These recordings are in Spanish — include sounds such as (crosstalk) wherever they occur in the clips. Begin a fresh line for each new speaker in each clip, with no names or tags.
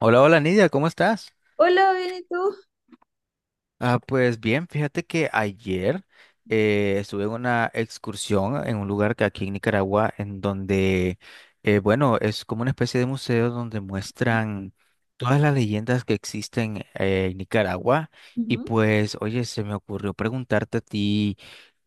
Hola, hola Nidia, ¿cómo estás?
Hola, bien, ¿y tú?
Ah, pues bien, fíjate que ayer estuve en una excursión en un lugar que aquí en Nicaragua, en donde, bueno, es como una especie de museo donde muestran todas las leyendas que existen en Nicaragua. Y
Ujú.
pues, oye, se me ocurrió preguntarte a ti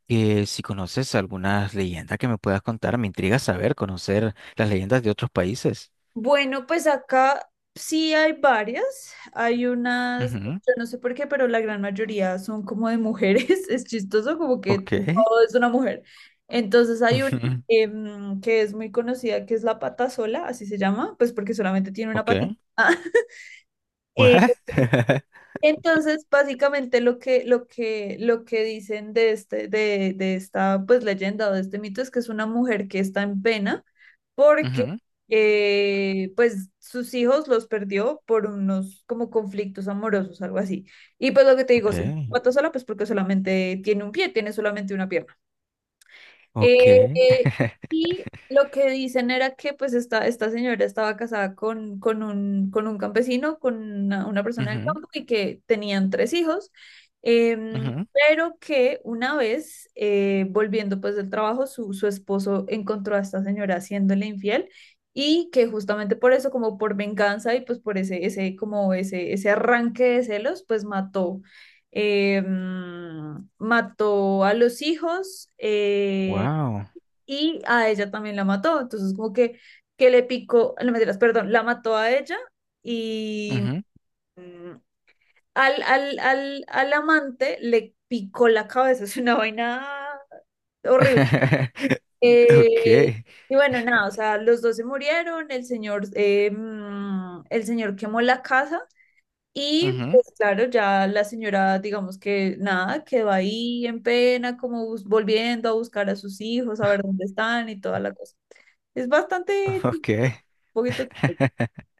que si conoces algunas leyendas que me puedas contar. Me intriga saber, conocer las leyendas de otros países.
Bueno, pues acá sí hay varias. Hay unas,
Ujú.
yo no sé por qué, pero la gran mayoría son como de mujeres. (laughs) Es chistoso, como
Ok.
que
(laughs)
todo es una mujer. Entonces hay una
Ujú.
que es muy conocida, que es la pata sola, así se llama, pues porque solamente tiene una
Ok.
patita. (laughs)
¿What? (laughs)
Entonces, básicamente lo que dicen de esta pues leyenda o de este mito es que es una mujer que está en pena porque
Ujú.
pues sus hijos los perdió por unos como conflictos amorosos, algo así. Y pues lo que te
Ok,
digo, se mató sola pues porque solamente tiene un pie, tiene solamente una pierna.
ok.
Eh, eh,
(laughs)
y lo que dicen era que pues esta señora estaba casada con un campesino, con una persona del
Ujú.
campo y que tenían tres hijos,
Ujú.
pero que una vez volviendo pues del trabajo, su esposo encontró a esta señora haciéndole infiel y que justamente por eso, como por venganza y pues por ese arranque de celos, pues mató. Mató a los hijos,
Wow.
y a ella también la mató. Entonces, como que le picó, no mentiras, perdón, la mató a ella y
Ujú.
mm, al amante le picó la cabeza. (laughs) Es una vaina horrible.
(laughs) Ok,
Eh, y bueno, nada, o sea, los dos se murieron, el señor, el señor quemó la casa. Y
ujú,
pues claro, ya la señora, digamos que nada, quedó ahí en pena, como volviendo a buscar a sus hijos, a ver dónde están y toda la cosa. Es bastante
ok.
poquito.
(laughs)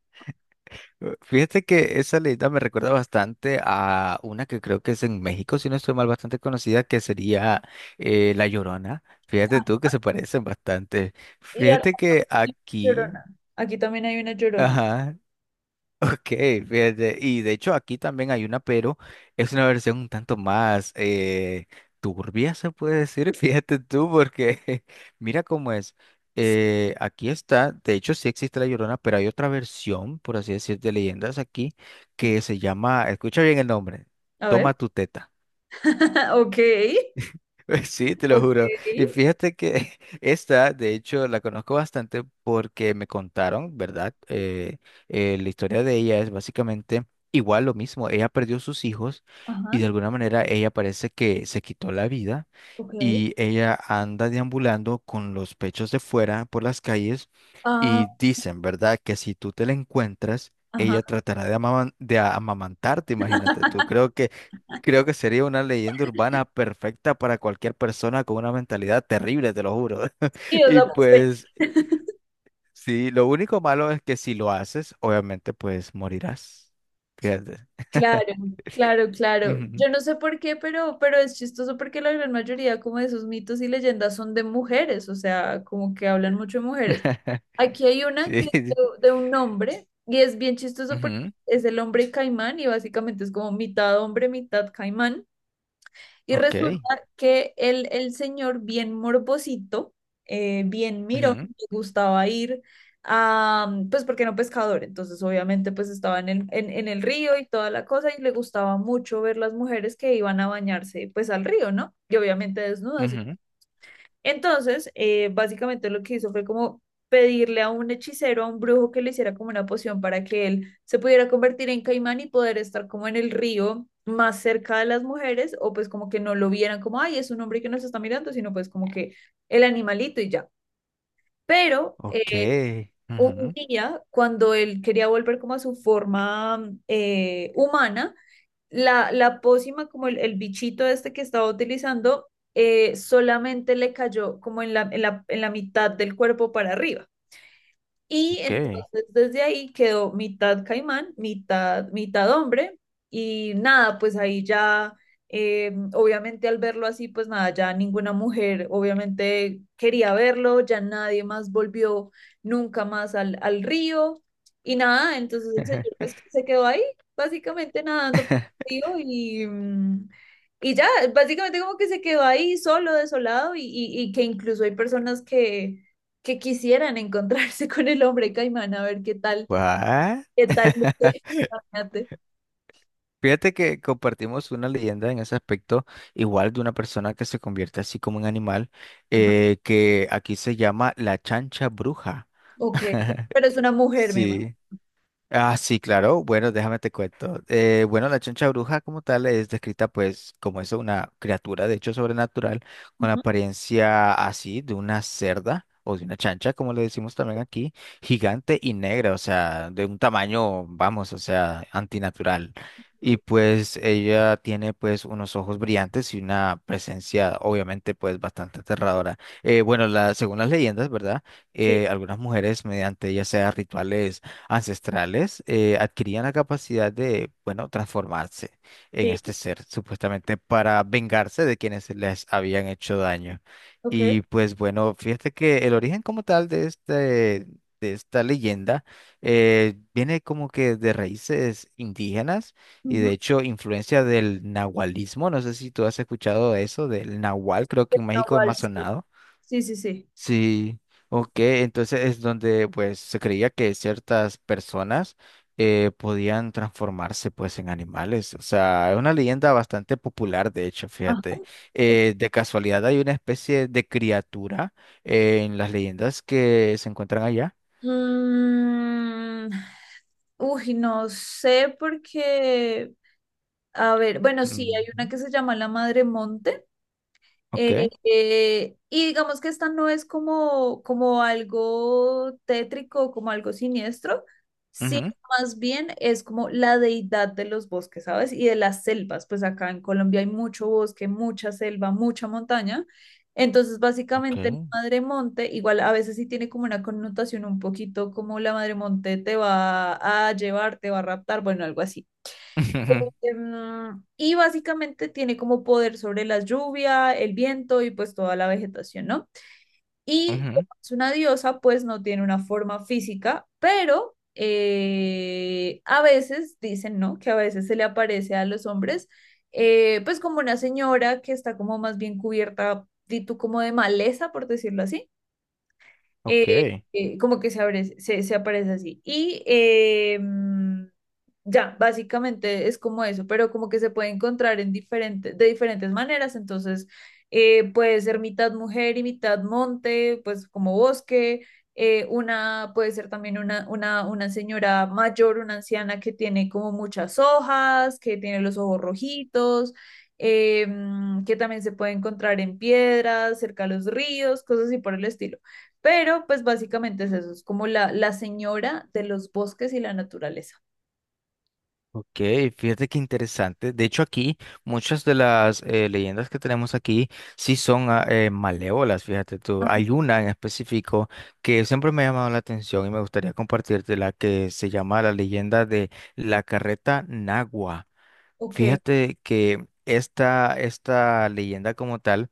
Fíjate que esa leyenda me recuerda bastante a una que creo que es en México, si no estoy mal, bastante conocida, que sería La Llorona. Fíjate tú que se parecen bastante.
Y a-
Fíjate que aquí,
Llorona. Aquí también hay una llorona.
ajá, ok, fíjate, y de hecho aquí también hay una, pero es una versión un tanto más turbia, se puede decir, (laughs) fíjate tú, porque (laughs) mira cómo es. Aquí está, de hecho sí existe La Llorona, pero hay otra versión, por así decir, de leyendas aquí, que se llama, escucha bien el nombre,
A
Toma
ver.
tu teta.
(laughs) Ok.
(laughs) Sí, te lo
Ok.
juro. Y fíjate que (laughs) esta, de hecho, la conozco bastante porque me contaron, ¿verdad? La historia de ella es básicamente igual lo mismo. Ella perdió sus hijos y de
Ajá.
alguna manera ella parece que se quitó la vida
Ok.
y ella anda deambulando con los pechos de fuera por las calles
Ah,
y dicen, ¿verdad? Que si tú te la encuentras,
ajá.
ella tratará de, amaman- de a- amamantarte, imagínate tú.
(laughs)
Creo que sería una leyenda urbana perfecta para cualquier persona con una mentalidad terrible, te lo juro.
Sí,
(laughs)
o
Y
sea,
pues, sí, lo único malo es que si lo haces, obviamente, pues morirás. Fíjate.
claro, claro, claro.
Ujú.
Yo no sé por qué, pero es chistoso porque la gran mayoría como de esos mitos y leyendas son de mujeres, o sea, como que hablan mucho de mujeres.
(laughs)
Aquí hay una
Sí,
que es
sí.
de un hombre y es bien chistoso porque
Ujú.
es el hombre caimán y básicamente es como mitad hombre, mitad caimán. Y
Ok.
resulta que el señor, bien morbosito, bien mirón,
Ujú.
le gustaba ir a, pues porque era un pescador, entonces obviamente pues estaba en en el río y toda la cosa y le gustaba mucho ver las mujeres que iban a bañarse pues al río, ¿no? Y obviamente desnudas. Y
Ujú.
entonces, básicamente lo que hizo fue como pedirle a un hechicero, a un brujo que le hiciera como una poción para que él se pudiera convertir en caimán y poder estar como en el río más cerca de las mujeres o pues como que no lo vieran como, ay, es un hombre que nos está mirando, sino pues como que el animalito y ya. Pero
Ok.
un
Ujú.
día, cuando él quería volver como a su forma humana, la pócima, como el bichito este que estaba utilizando, solamente le cayó como en en la mitad del cuerpo para arriba. Y
Ok.
entonces desde ahí quedó mitad caimán, mitad hombre. Y nada, pues ahí ya, obviamente al verlo así, pues nada, ya ninguna mujer obviamente quería verlo, ya nadie más volvió nunca más al río. Y nada, entonces el señor
(laughs)
pues que se quedó ahí, básicamente nadando por el río y ya, básicamente como que se quedó ahí solo, desolado y que incluso hay personas que quisieran encontrarse con el hombre caimán a ver qué tal,
¿What?
qué tal.
(laughs)
Luce. Imagínate.
Fíjate que compartimos una leyenda en ese aspecto, igual de una persona que se convierte así como un animal,
Ajá.
que aquí se llama la chancha bruja.
Ok,
(laughs)
pero es una mujer, me imagino.
Sí. Ah, sí, claro. Bueno, déjame te cuento. Bueno, la choncha bruja como tal es descrita pues como eso, una criatura de hecho sobrenatural con
Ujú,
apariencia así de una cerda o de una chancha, como le decimos también aquí, gigante y negra, o sea, de un tamaño, vamos, o sea, antinatural. Y
ujú.
pues ella tiene pues unos ojos brillantes y una presencia obviamente pues bastante aterradora. Bueno, la, según las leyendas, ¿verdad?
Sí,
Algunas mujeres mediante ya sea rituales ancestrales adquirían la capacidad de, bueno, transformarse en este
sí,
ser, supuestamente para vengarse de quienes les habían hecho daño.
ok.
Y pues bueno, fíjate que el origen como tal de esta leyenda viene como que de raíces indígenas y de
Ujú.
hecho influencia del nahualismo. No sé si tú has escuchado eso, del nahual, creo que
Es
en
una
México es más
waltz,
sonado.
sí, sí, sí, sí.
Sí, ok, entonces es donde pues se creía que ciertas personas podían transformarse pues en animales, o sea, es una leyenda bastante popular de hecho,
Ajá,
fíjate.
ok.
De casualidad hay una especie de criatura en las leyendas que se encuentran allá.
Mm, Uy, no sé porque, a ver, bueno, sí, hay una
Ujú.
que se llama La Madre Monte.
Ok,
Eh, y digamos que esta no es como, como algo tétrico, como algo siniestro, sino
ujú,
más bien es como la deidad de los bosques, ¿sabes? Y de las selvas, pues acá en Colombia hay mucho bosque, mucha selva, mucha montaña. Entonces,
ok,
básicamente, la madre monte, igual a veces sí tiene como una connotación un poquito como la madre monte te va a llevar, te va a raptar, bueno, algo así.
(laughs) ujú,
Em, y básicamente tiene como poder sobre la lluvia, el viento y pues toda la vegetación, ¿no? Y
ujú,
como es una diosa, pues no tiene una forma física, pero a veces dicen, ¿no? Que a veces se le aparece a los hombres, pues como una señora que está como más bien cubierta, di tú, como de maleza, por decirlo así, eh,
ok.
como que se abre, se aparece así. Ya, básicamente es como eso, pero como que se puede encontrar en diferente, de diferentes maneras, entonces puede ser mitad mujer y mitad monte, pues como bosque. Una puede ser también una señora mayor, una anciana que tiene como muchas hojas, que tiene los ojos rojitos, que también se puede encontrar en piedras, cerca de los ríos, cosas así por el estilo. Pero pues básicamente es eso, es como la señora de los bosques y la naturaleza.
Ok, fíjate qué interesante. De hecho, aquí muchas de las leyendas que tenemos aquí sí son ah, malévolas, fíjate tú.
Ah,
Hay una en específico que siempre me ha llamado la atención y me gustaría compartirte la que se llama la leyenda de la carreta Nagua.
ok.
Fíjate que esta leyenda como tal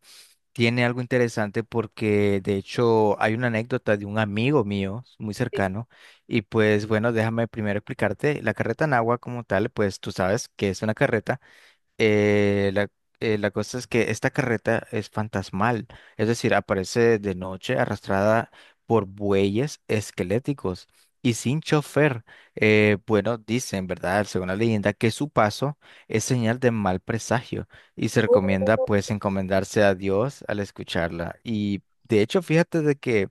tiene algo interesante porque de hecho hay una anécdota de un amigo mío muy
Sí.
cercano y pues bueno, déjame primero explicarte, la carreta en agua como tal, pues tú sabes que es una carreta eh, la, la cosa es que esta carreta es fantasmal, es decir, aparece de noche arrastrada por bueyes esqueléticos y sin chofer. Bueno, dicen, ¿verdad? Según la leyenda, que su paso es señal de mal presagio y se recomienda
Oh,
pues encomendarse a Dios al escucharla. Y de hecho, fíjate de que...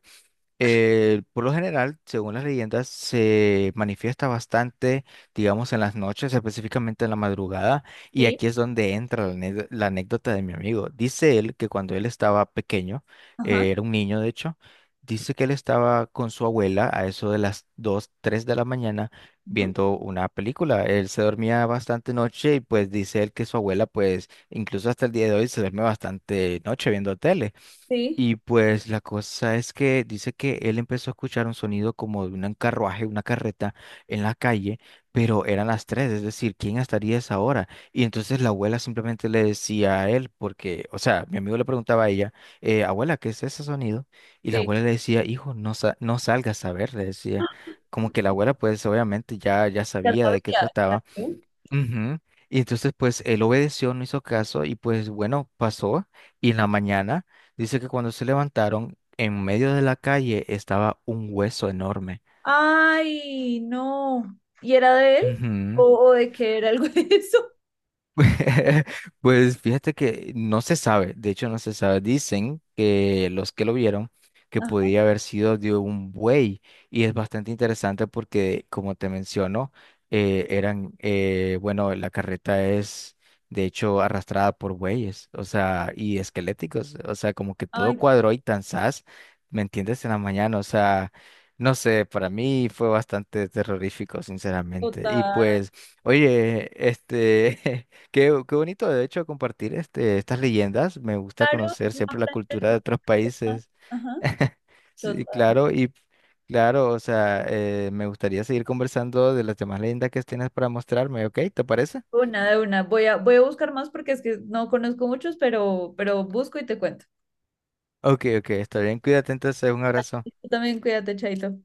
Por lo general, según las leyendas, se manifiesta bastante, digamos, en las noches, específicamente en la madrugada, y
sí.
aquí es donde entra la, ane- la anécdota de mi amigo. Dice él que cuando él estaba pequeño,
Ajá,
era un niño de hecho, dice que él estaba con su abuela a eso de las 2, 3 de la mañana
ujú.
viendo una película. Él se dormía bastante noche y pues dice él que su abuela, pues incluso hasta el día de hoy, se duerme bastante noche viendo tele.
Sí,
Y pues la cosa es que dice que él empezó a escuchar un sonido como de un carruaje, una carreta en la calle, pero eran las tres, es decir, ¿quién estaría a esa hora? Y entonces la abuela simplemente le decía a él, porque, o sea, mi amigo le preguntaba a ella, abuela, ¿qué es ese sonido? Y la
sí.
abuela le decía, hijo, no, sa- no salgas a ver, le decía, como que la abuela pues obviamente ya
Ya
sabía de
sabes
qué
ya- ya-
trataba. Ujú. Y entonces, pues, él obedeció, no hizo caso y pues, bueno, pasó. Y en la mañana, dice que cuando se levantaron, en medio de la calle estaba un hueso enorme.
Ay, no. ¿Y era de él?
Ujú.
O de qué era algo de eso?
(laughs) Pues fíjate que no se sabe, de hecho no se sabe. Dicen que los que lo vieron que
Ajá.
podía haber sido de un buey y es bastante interesante porque como te menciono, bueno, la carreta es de hecho arrastrada por bueyes, o sea, y esqueléticos, o sea, como que todo
Ay,
cuadró y tan zas, ¿me entiendes? En la mañana, o sea, no sé, para mí fue bastante terrorífico, sinceramente. Y
total.
pues, oye, este... (laughs) qué bonito, de hecho, compartir estas leyendas. Me gusta
Claro,
conocer
no
siempre la
aprende
cultura de otros
Ah,
países.
Ajá,
(laughs) Sí,
total.
claro, y claro, o sea, me gustaría seguir conversando de las demás leyendas que tienes para mostrarme, ¿ok? ¿Te parece?
Una de una. Voy a buscar más porque es que no conozco muchos, pero busco y te cuento.
Ok, ok, está bien, cuídate entonces, un abrazo.
Tú también cuídate, Chaito.